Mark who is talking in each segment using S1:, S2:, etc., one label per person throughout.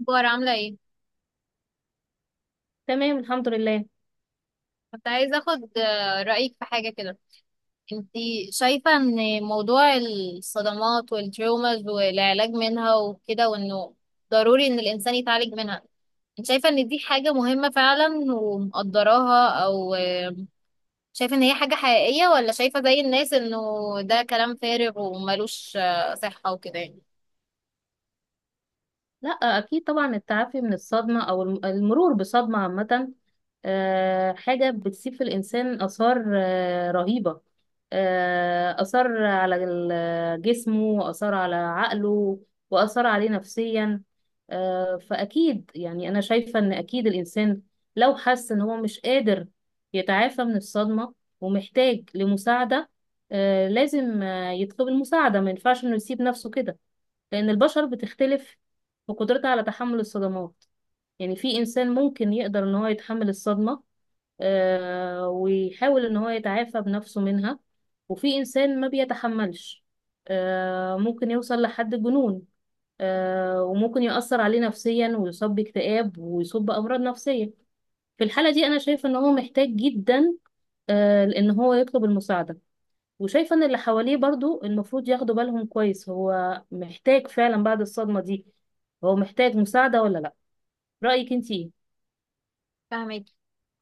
S1: اخبار عاملة ايه؟
S2: تمام، الحمد لله.
S1: كنت عايزة اخد رأيك في حاجة كده. انتي شايفة ان موضوع الصدمات والتروماز والعلاج منها وكده وانه ضروري ان الانسان يتعالج منها، انت شايفة ان دي حاجة مهمة فعلا ومقدراها؟ او شايفة ان هي حاجة حقيقية، ولا شايفة زي الناس انه ده كلام فارغ وملوش صحة وكده يعني؟
S2: لا، اكيد طبعا التعافي من الصدمه او المرور بصدمه عامه حاجه بتسيب في الانسان اثار رهيبه. اثار على جسمه، واثار على عقله، واثار عليه نفسيا. فاكيد يعني انا شايفه ان اكيد الانسان لو حس ان هو مش قادر يتعافى من الصدمه ومحتاج لمساعده، لازم يطلب المساعده. ما ينفعش انه يسيب نفسه كده، لأن البشر بتختلف في قدرتها على تحمل الصدمات. يعني في إنسان ممكن يقدر إن هو يتحمل الصدمة ويحاول إن هو يتعافى بنفسه منها، وفي إنسان ما بيتحملش. ممكن يوصل لحد الجنون، وممكن يأثر عليه نفسيا ويصاب باكتئاب ويصاب بأمراض نفسية. في الحالة دي أنا شايفة إن هو محتاج جدا إن هو يطلب المساعدة. وشايفة ان اللي حواليه برضو المفروض ياخدوا بالهم كويس، هو محتاج فعلا بعد الصدمة دي هو محتاج مساعدة ولا لا. رأيك انتي ايه؟
S1: فاهمك.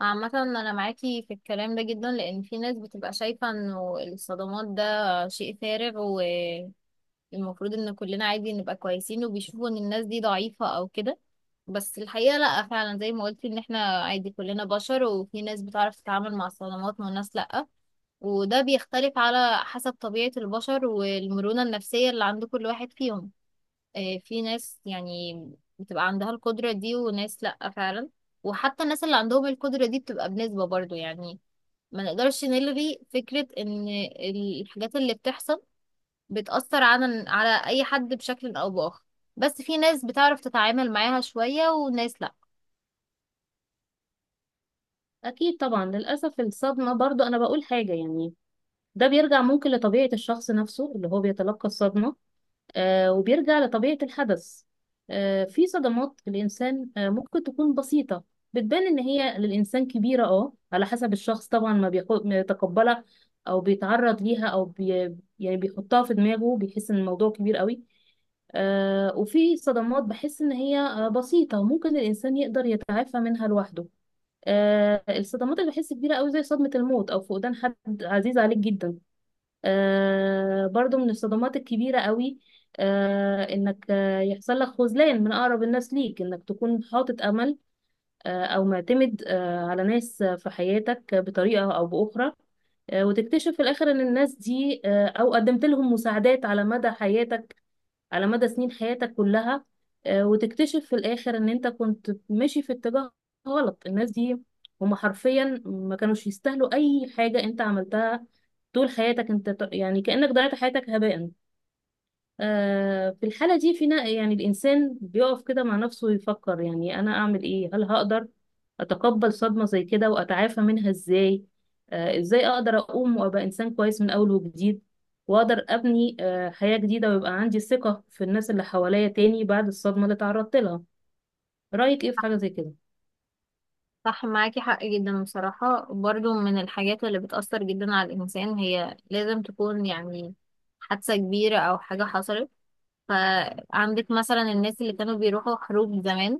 S1: عامة أنا معاكي في الكلام ده جدا، لأن في ناس بتبقى شايفة إنه الصدمات ده شيء فارغ، المفروض ان كلنا عادي نبقى كويسين، وبيشوفوا ان الناس دي ضعيفة او كده. بس الحقيقة لا، فعلا زي ما قلت ان احنا عادي كلنا بشر، وفي ناس بتعرف تتعامل مع الصدمات وناس لا. وده بيختلف على حسب طبيعة البشر والمرونة النفسية اللي عند كل واحد فيهم. في ناس يعني بتبقى عندها القدرة دي وناس لا فعلا. وحتى الناس اللي عندهم القدرة دي بتبقى بنسبة برضو يعني، ما نقدرش نلغي فكرة ان الحاجات اللي بتحصل بتأثر على أي حد بشكل أو بآخر. بس في ناس بتعرف تتعامل معاها شوية وناس لأ.
S2: اكيد طبعا. للأسف الصدمة برضو انا بقول حاجة يعني ده بيرجع ممكن لطبيعة الشخص نفسه اللي هو بيتلقى الصدمة، وبيرجع لطبيعة الحدث. في صدمات الإنسان ممكن تكون بسيطة بتبان إن هي للإنسان كبيرة، اه على حسب الشخص طبعا ما بيتقبلها أو بيتعرض ليها أو بي يعني بيحطها في دماغه بيحس إن الموضوع كبير قوي. وفي صدمات بحس إن هي بسيطة وممكن الإنسان يقدر يتعافى منها لوحده. الصدمات اللي بحس كبيرة قوي زي صدمة الموت أو فقدان حد عزيز عليك جدا، برضو من الصدمات الكبيرة قوي انك يحصل لك خذلان من اقرب الناس ليك. انك تكون حاطط امل او معتمد على ناس في حياتك بطريقة او باخرى، وتكتشف في الاخر ان الناس دي او قدمت لهم مساعدات على مدى حياتك، على مدى سنين حياتك كلها، وتكتشف في الآخر إن أنت كنت ماشي في اتجاه غلط. الناس دي هما حرفيا ما كانوش يستاهلوا أي حاجة أنت عملتها طول حياتك. أنت يعني كأنك ضيعت حياتك هباء. في الحالة دي فينا يعني الإنسان بيقف كده مع نفسه ويفكر يعني أنا أعمل إيه؟ هل هقدر أتقبل صدمة زي كده وأتعافى منها إزاي؟ إزاي أقدر أقوم وأبقى إنسان كويس من أول وجديد، وأقدر أبني حياة جديدة ويبقى عندي ثقة في الناس اللي حواليا تاني بعد الصدمة اللي تعرضت لها؟ رأيك إيه في حاجة زي كده؟
S1: صح، معاكي حق جدا بصراحة. برضو من الحاجات اللي بتأثر جدا على الإنسان، هي لازم تكون يعني حادثة كبيرة أو حاجة حصلت. فعندك مثلا الناس اللي كانوا بيروحوا حروب زمان،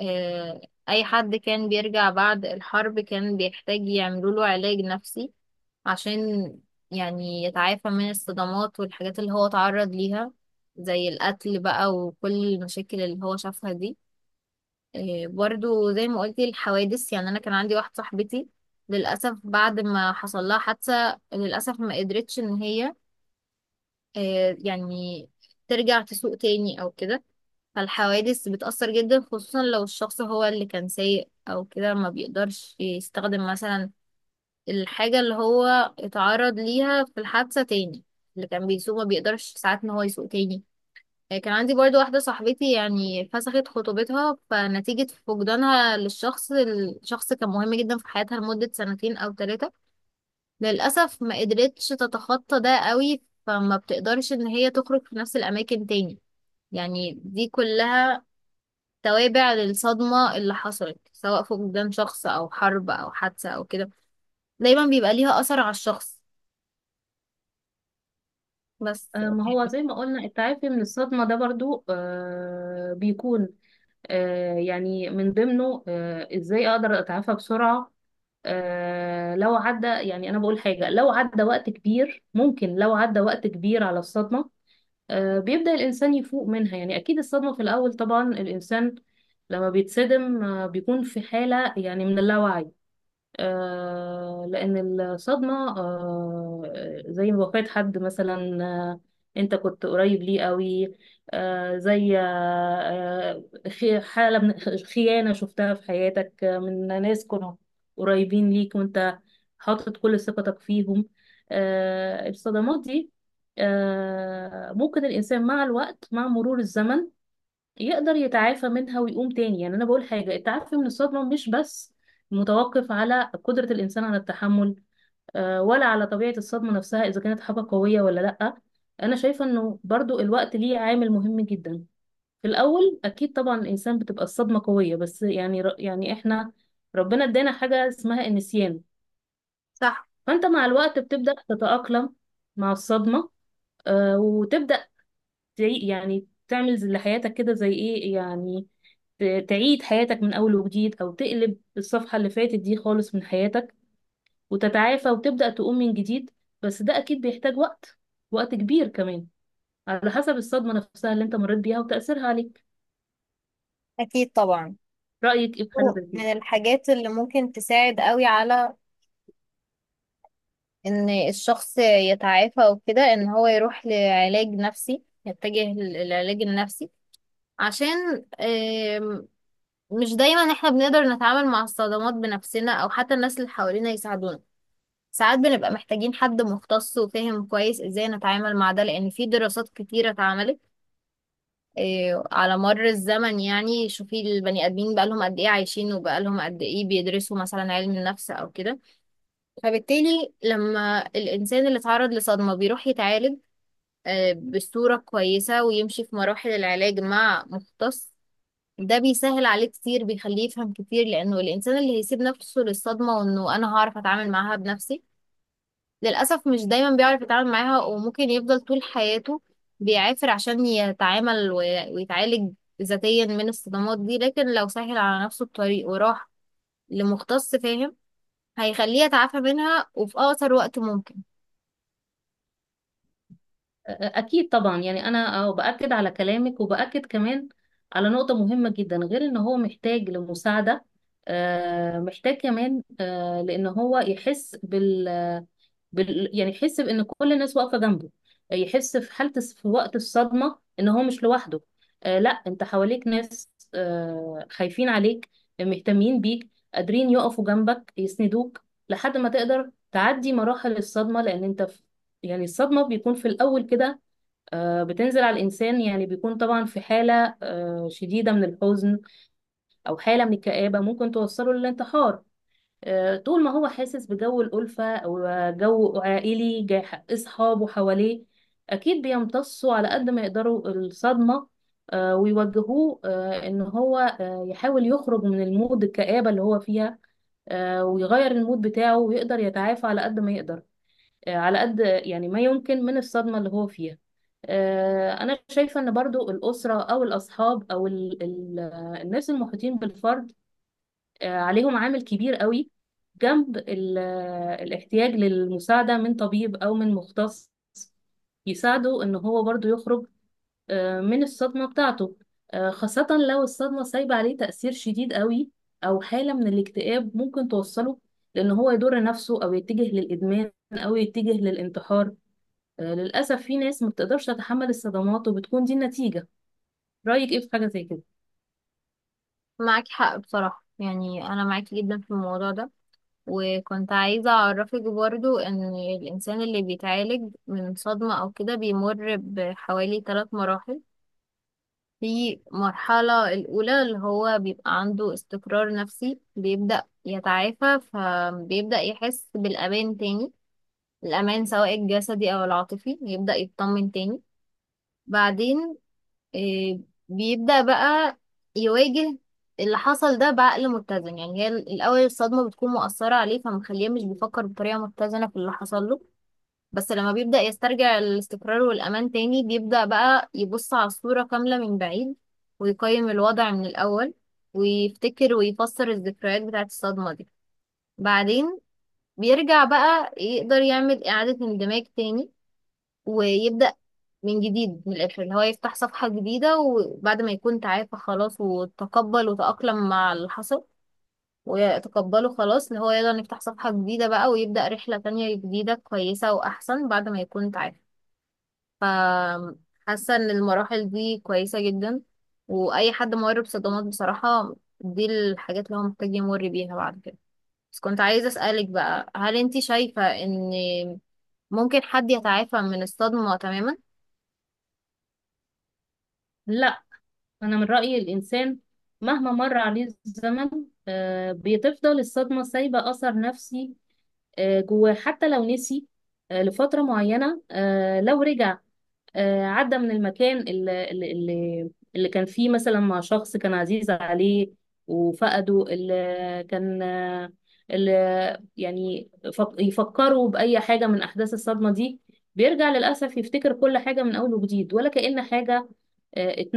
S1: آه، أي حد كان بيرجع بعد الحرب كان بيحتاج يعملوا له علاج نفسي، عشان يعني يتعافى من الصدمات والحاجات اللي هو تعرض ليها زي القتل بقى وكل المشاكل اللي هو شافها دي. إيه، برضو زي ما قلتي الحوادث. يعني أنا كان عندي واحدة صاحبتي، للأسف بعد ما حصل لها حادثة، للأسف ما قدرتش إن هي، إيه، يعني ترجع تسوق تاني أو كده. فالحوادث بتأثر جدا، خصوصا لو الشخص هو اللي كان سايق أو كده، ما بيقدرش يستخدم مثلا الحاجة اللي هو اتعرض ليها في الحادثة تاني. اللي كان بيسوق ما بيقدرش ساعات ان هو يسوق تاني. كان عندي برضو واحدة صاحبتي يعني فسخت خطوبتها، فنتيجة فقدانها للشخص، الشخص كان مهم جدا في حياتها لمدة سنتين أو ثلاثة، للأسف ما قدرتش تتخطى ده قوي، فما بتقدرش ان هي تخرج في نفس الأماكن تاني. يعني دي كلها توابع للصدمة اللي حصلت، سواء فقدان شخص أو حرب أو حادثة أو كده، دايما بيبقى ليها أثر على الشخص. بس
S2: ما هو زي ما قلنا التعافي من الصدمة ده برضو بيكون يعني من ضمنه إزاي أقدر أتعافى بسرعة. لو عدى، يعني أنا بقول حاجة، لو عدى وقت كبير، ممكن لو عدى وقت كبير على الصدمة بيبدأ الإنسان يفوق منها. يعني أكيد الصدمة في الأول طبعا الإنسان لما بيتصدم بيكون في حالة يعني من اللاوعي، لأن الصدمة زي وفاة حد مثلا أنت كنت قريب ليه قوي، زي حالة من خيانة شفتها في حياتك من ناس كانوا قريبين ليك وأنت حاطط كل ثقتك فيهم. الصدمات دي ممكن الإنسان مع الوقت، مع مرور الزمن، يقدر يتعافى منها ويقوم تاني. يعني انا بقول حاجه التعافي من الصدمه مش بس متوقف على قدره الانسان على التحمل، ولا على طبيعه الصدمه نفسها اذا كانت حاجه قويه ولا لا. انا شايفه انه برضو الوقت ليه عامل مهم جدا. في الاول اكيد طبعا الانسان بتبقى الصدمه قويه، بس يعني يعني احنا ربنا ادانا حاجه اسمها النسيان.
S1: صح.
S2: فانت مع الوقت بتبدا تتاقلم مع الصدمه، وتبدا زي يعني تعمل لحياتك كده زي ايه يعني تعيد حياتك من اول وجديد، او تقلب الصفحة اللي فاتت دي خالص من حياتك، وتتعافى وتبدأ تقوم من جديد. بس ده اكيد بيحتاج وقت، وقت كبير كمان، على حسب الصدمة نفسها اللي انت مريت بيها وتأثيرها عليك.
S1: أكيد طبعا
S2: رأيك ايه في حاجة زي كده؟
S1: من الحاجات اللي ممكن تساعد قوي على إن الشخص يتعافى وكده، إن هو يروح لعلاج نفسي، يتجه للعلاج النفسي، عشان مش دايما احنا بنقدر نتعامل مع الصدمات بنفسنا أو حتى الناس اللي حوالينا يساعدونا. ساعات بنبقى محتاجين حد مختص وفاهم كويس ازاي نتعامل مع ده، لأن في دراسات كتيرة اتعملت، إيه، على مر الزمن. يعني شوفي البني ادمين بقالهم قد ايه عايشين، وبقالهم قد ايه بيدرسوا مثلا علم النفس او كده. فبالتالي لما الانسان اللي اتعرض لصدمة بيروح يتعالج بصورة كويسة ويمشي في مراحل العلاج مع مختص، ده بيسهل عليه كتير، بيخليه يفهم كتير، لانه الانسان اللي هيسيب نفسه للصدمة وانه انا هعرف اتعامل معاها بنفسي، للأسف مش دايما بيعرف يتعامل معاها، وممكن يفضل طول حياته بيعافر عشان يتعامل ويتعالج ذاتيا من الصدمات دي. لكن لو سهل على نفسه الطريق وراح لمختص فاهم، هيخليه يتعافى منها وفي أقصر وقت ممكن.
S2: أكيد طبعا. يعني أنا أهو بأكد على كلامك وبأكد كمان على نقطة مهمة جدا، غير إن هو محتاج لمساعدة محتاج كمان لأن هو يحس يعني يحس بان كل الناس واقفه جنبه، يحس في حاله في وقت الصدمه ان هو مش لوحده. لا، انت حواليك ناس خايفين عليك، مهتمين بيك، قادرين يقفوا جنبك يسندوك لحد ما تقدر تعدي مراحل الصدمه. لان انت يعني الصدمة بيكون في الأول كده بتنزل على الإنسان، يعني بيكون طبعا في حالة شديدة من الحزن، أو حالة من الكآبة ممكن توصله للانتحار. طول ما هو حاسس بجو الألفة أو جو عائلي جاي، أصحابه حواليه، أكيد بيمتصوا على قد ما يقدروا الصدمة ويوجهوه إن هو يحاول يخرج من المود الكآبة اللي هو فيها، ويغير المود بتاعه ويقدر يتعافى على قد ما يقدر، على قد يعني ما يمكن من الصدمة اللي هو فيها. أنا شايفة إن برضو الأسرة أو الأصحاب أو ال ال الناس المحيطين بالفرد، عليهم عامل كبير قوي جنب الاحتياج للمساعدة من طبيب أو من مختص يساعده إن هو برضو يخرج من الصدمة بتاعته، خاصة لو الصدمة سايبة عليه تأثير شديد قوي أو حالة من الاكتئاب ممكن توصله لأن هو يضر نفسه أو يتجه للإدمان أو يتجه للانتحار. للأسف في ناس ما بتقدرش تتحمل الصدمات وبتكون دي النتيجة. رأيك إيه في حاجة زي كده؟
S1: معاكي حق بصراحة، يعني أنا معاكي جدا في الموضوع ده. وكنت عايزة أعرفك برضو إن الإنسان اللي بيتعالج من صدمة أو كده بيمر بحوالي ثلاث مراحل. في مرحلة الأولى اللي هو بيبقى عنده استقرار نفسي، بيبدأ يتعافى فبيبدأ يحس بالأمان تاني، الأمان سواء الجسدي أو العاطفي، يبدأ يطمن تاني. بعدين آه، بيبدأ بقى يواجه اللي حصل ده بعقل متزن. يعني هي الأول الصدمة بتكون مؤثرة عليه، فمخليه مش بيفكر بطريقة متزنة في اللي حصل له، بس لما بيبدأ يسترجع الاستقرار والأمان تاني بيبدأ بقى يبص على الصورة كاملة من بعيد، ويقيم الوضع من الأول، ويفتكر ويفسر الذكريات بتاعة الصدمة دي. بعدين بيرجع بقى يقدر يعمل إعادة اندماج تاني، ويبدأ من جديد، من الآخر اللي هو يفتح صفحة جديدة، وبعد ما يكون تعافى خلاص وتقبل وتأقلم مع اللي حصل ويتقبله خلاص، اللي هو يقدر يفتح صفحة جديدة بقى، ويبدأ رحلة تانية جديدة كويسة وأحسن بعد ما يكون تعافى. فحاسة ان المراحل دي كويسة جدا، واي حد مر بصدمات بصراحة، دي الحاجات اللي هو محتاج يمر بيها بعد كده. بس كنت عايزة اسألك بقى، هل انتي شايفة ان ممكن حد يتعافى من الصدمة تماما؟
S2: لا. أنا من رأيي الإنسان مهما مر عليه الزمن، بتفضل الصدمة سايبة أثر نفسي جواه، حتى لو نسي لفترة معينة، لو رجع عدى من المكان اللي كان فيه مثلا مع شخص كان عزيز عليه وفقده، اللي كان اللي يعني يفكروا بأي حاجة من أحداث الصدمة دي، بيرجع للأسف يفتكر كل حاجة من أول وجديد ولا كأن حاجة اتنسيت.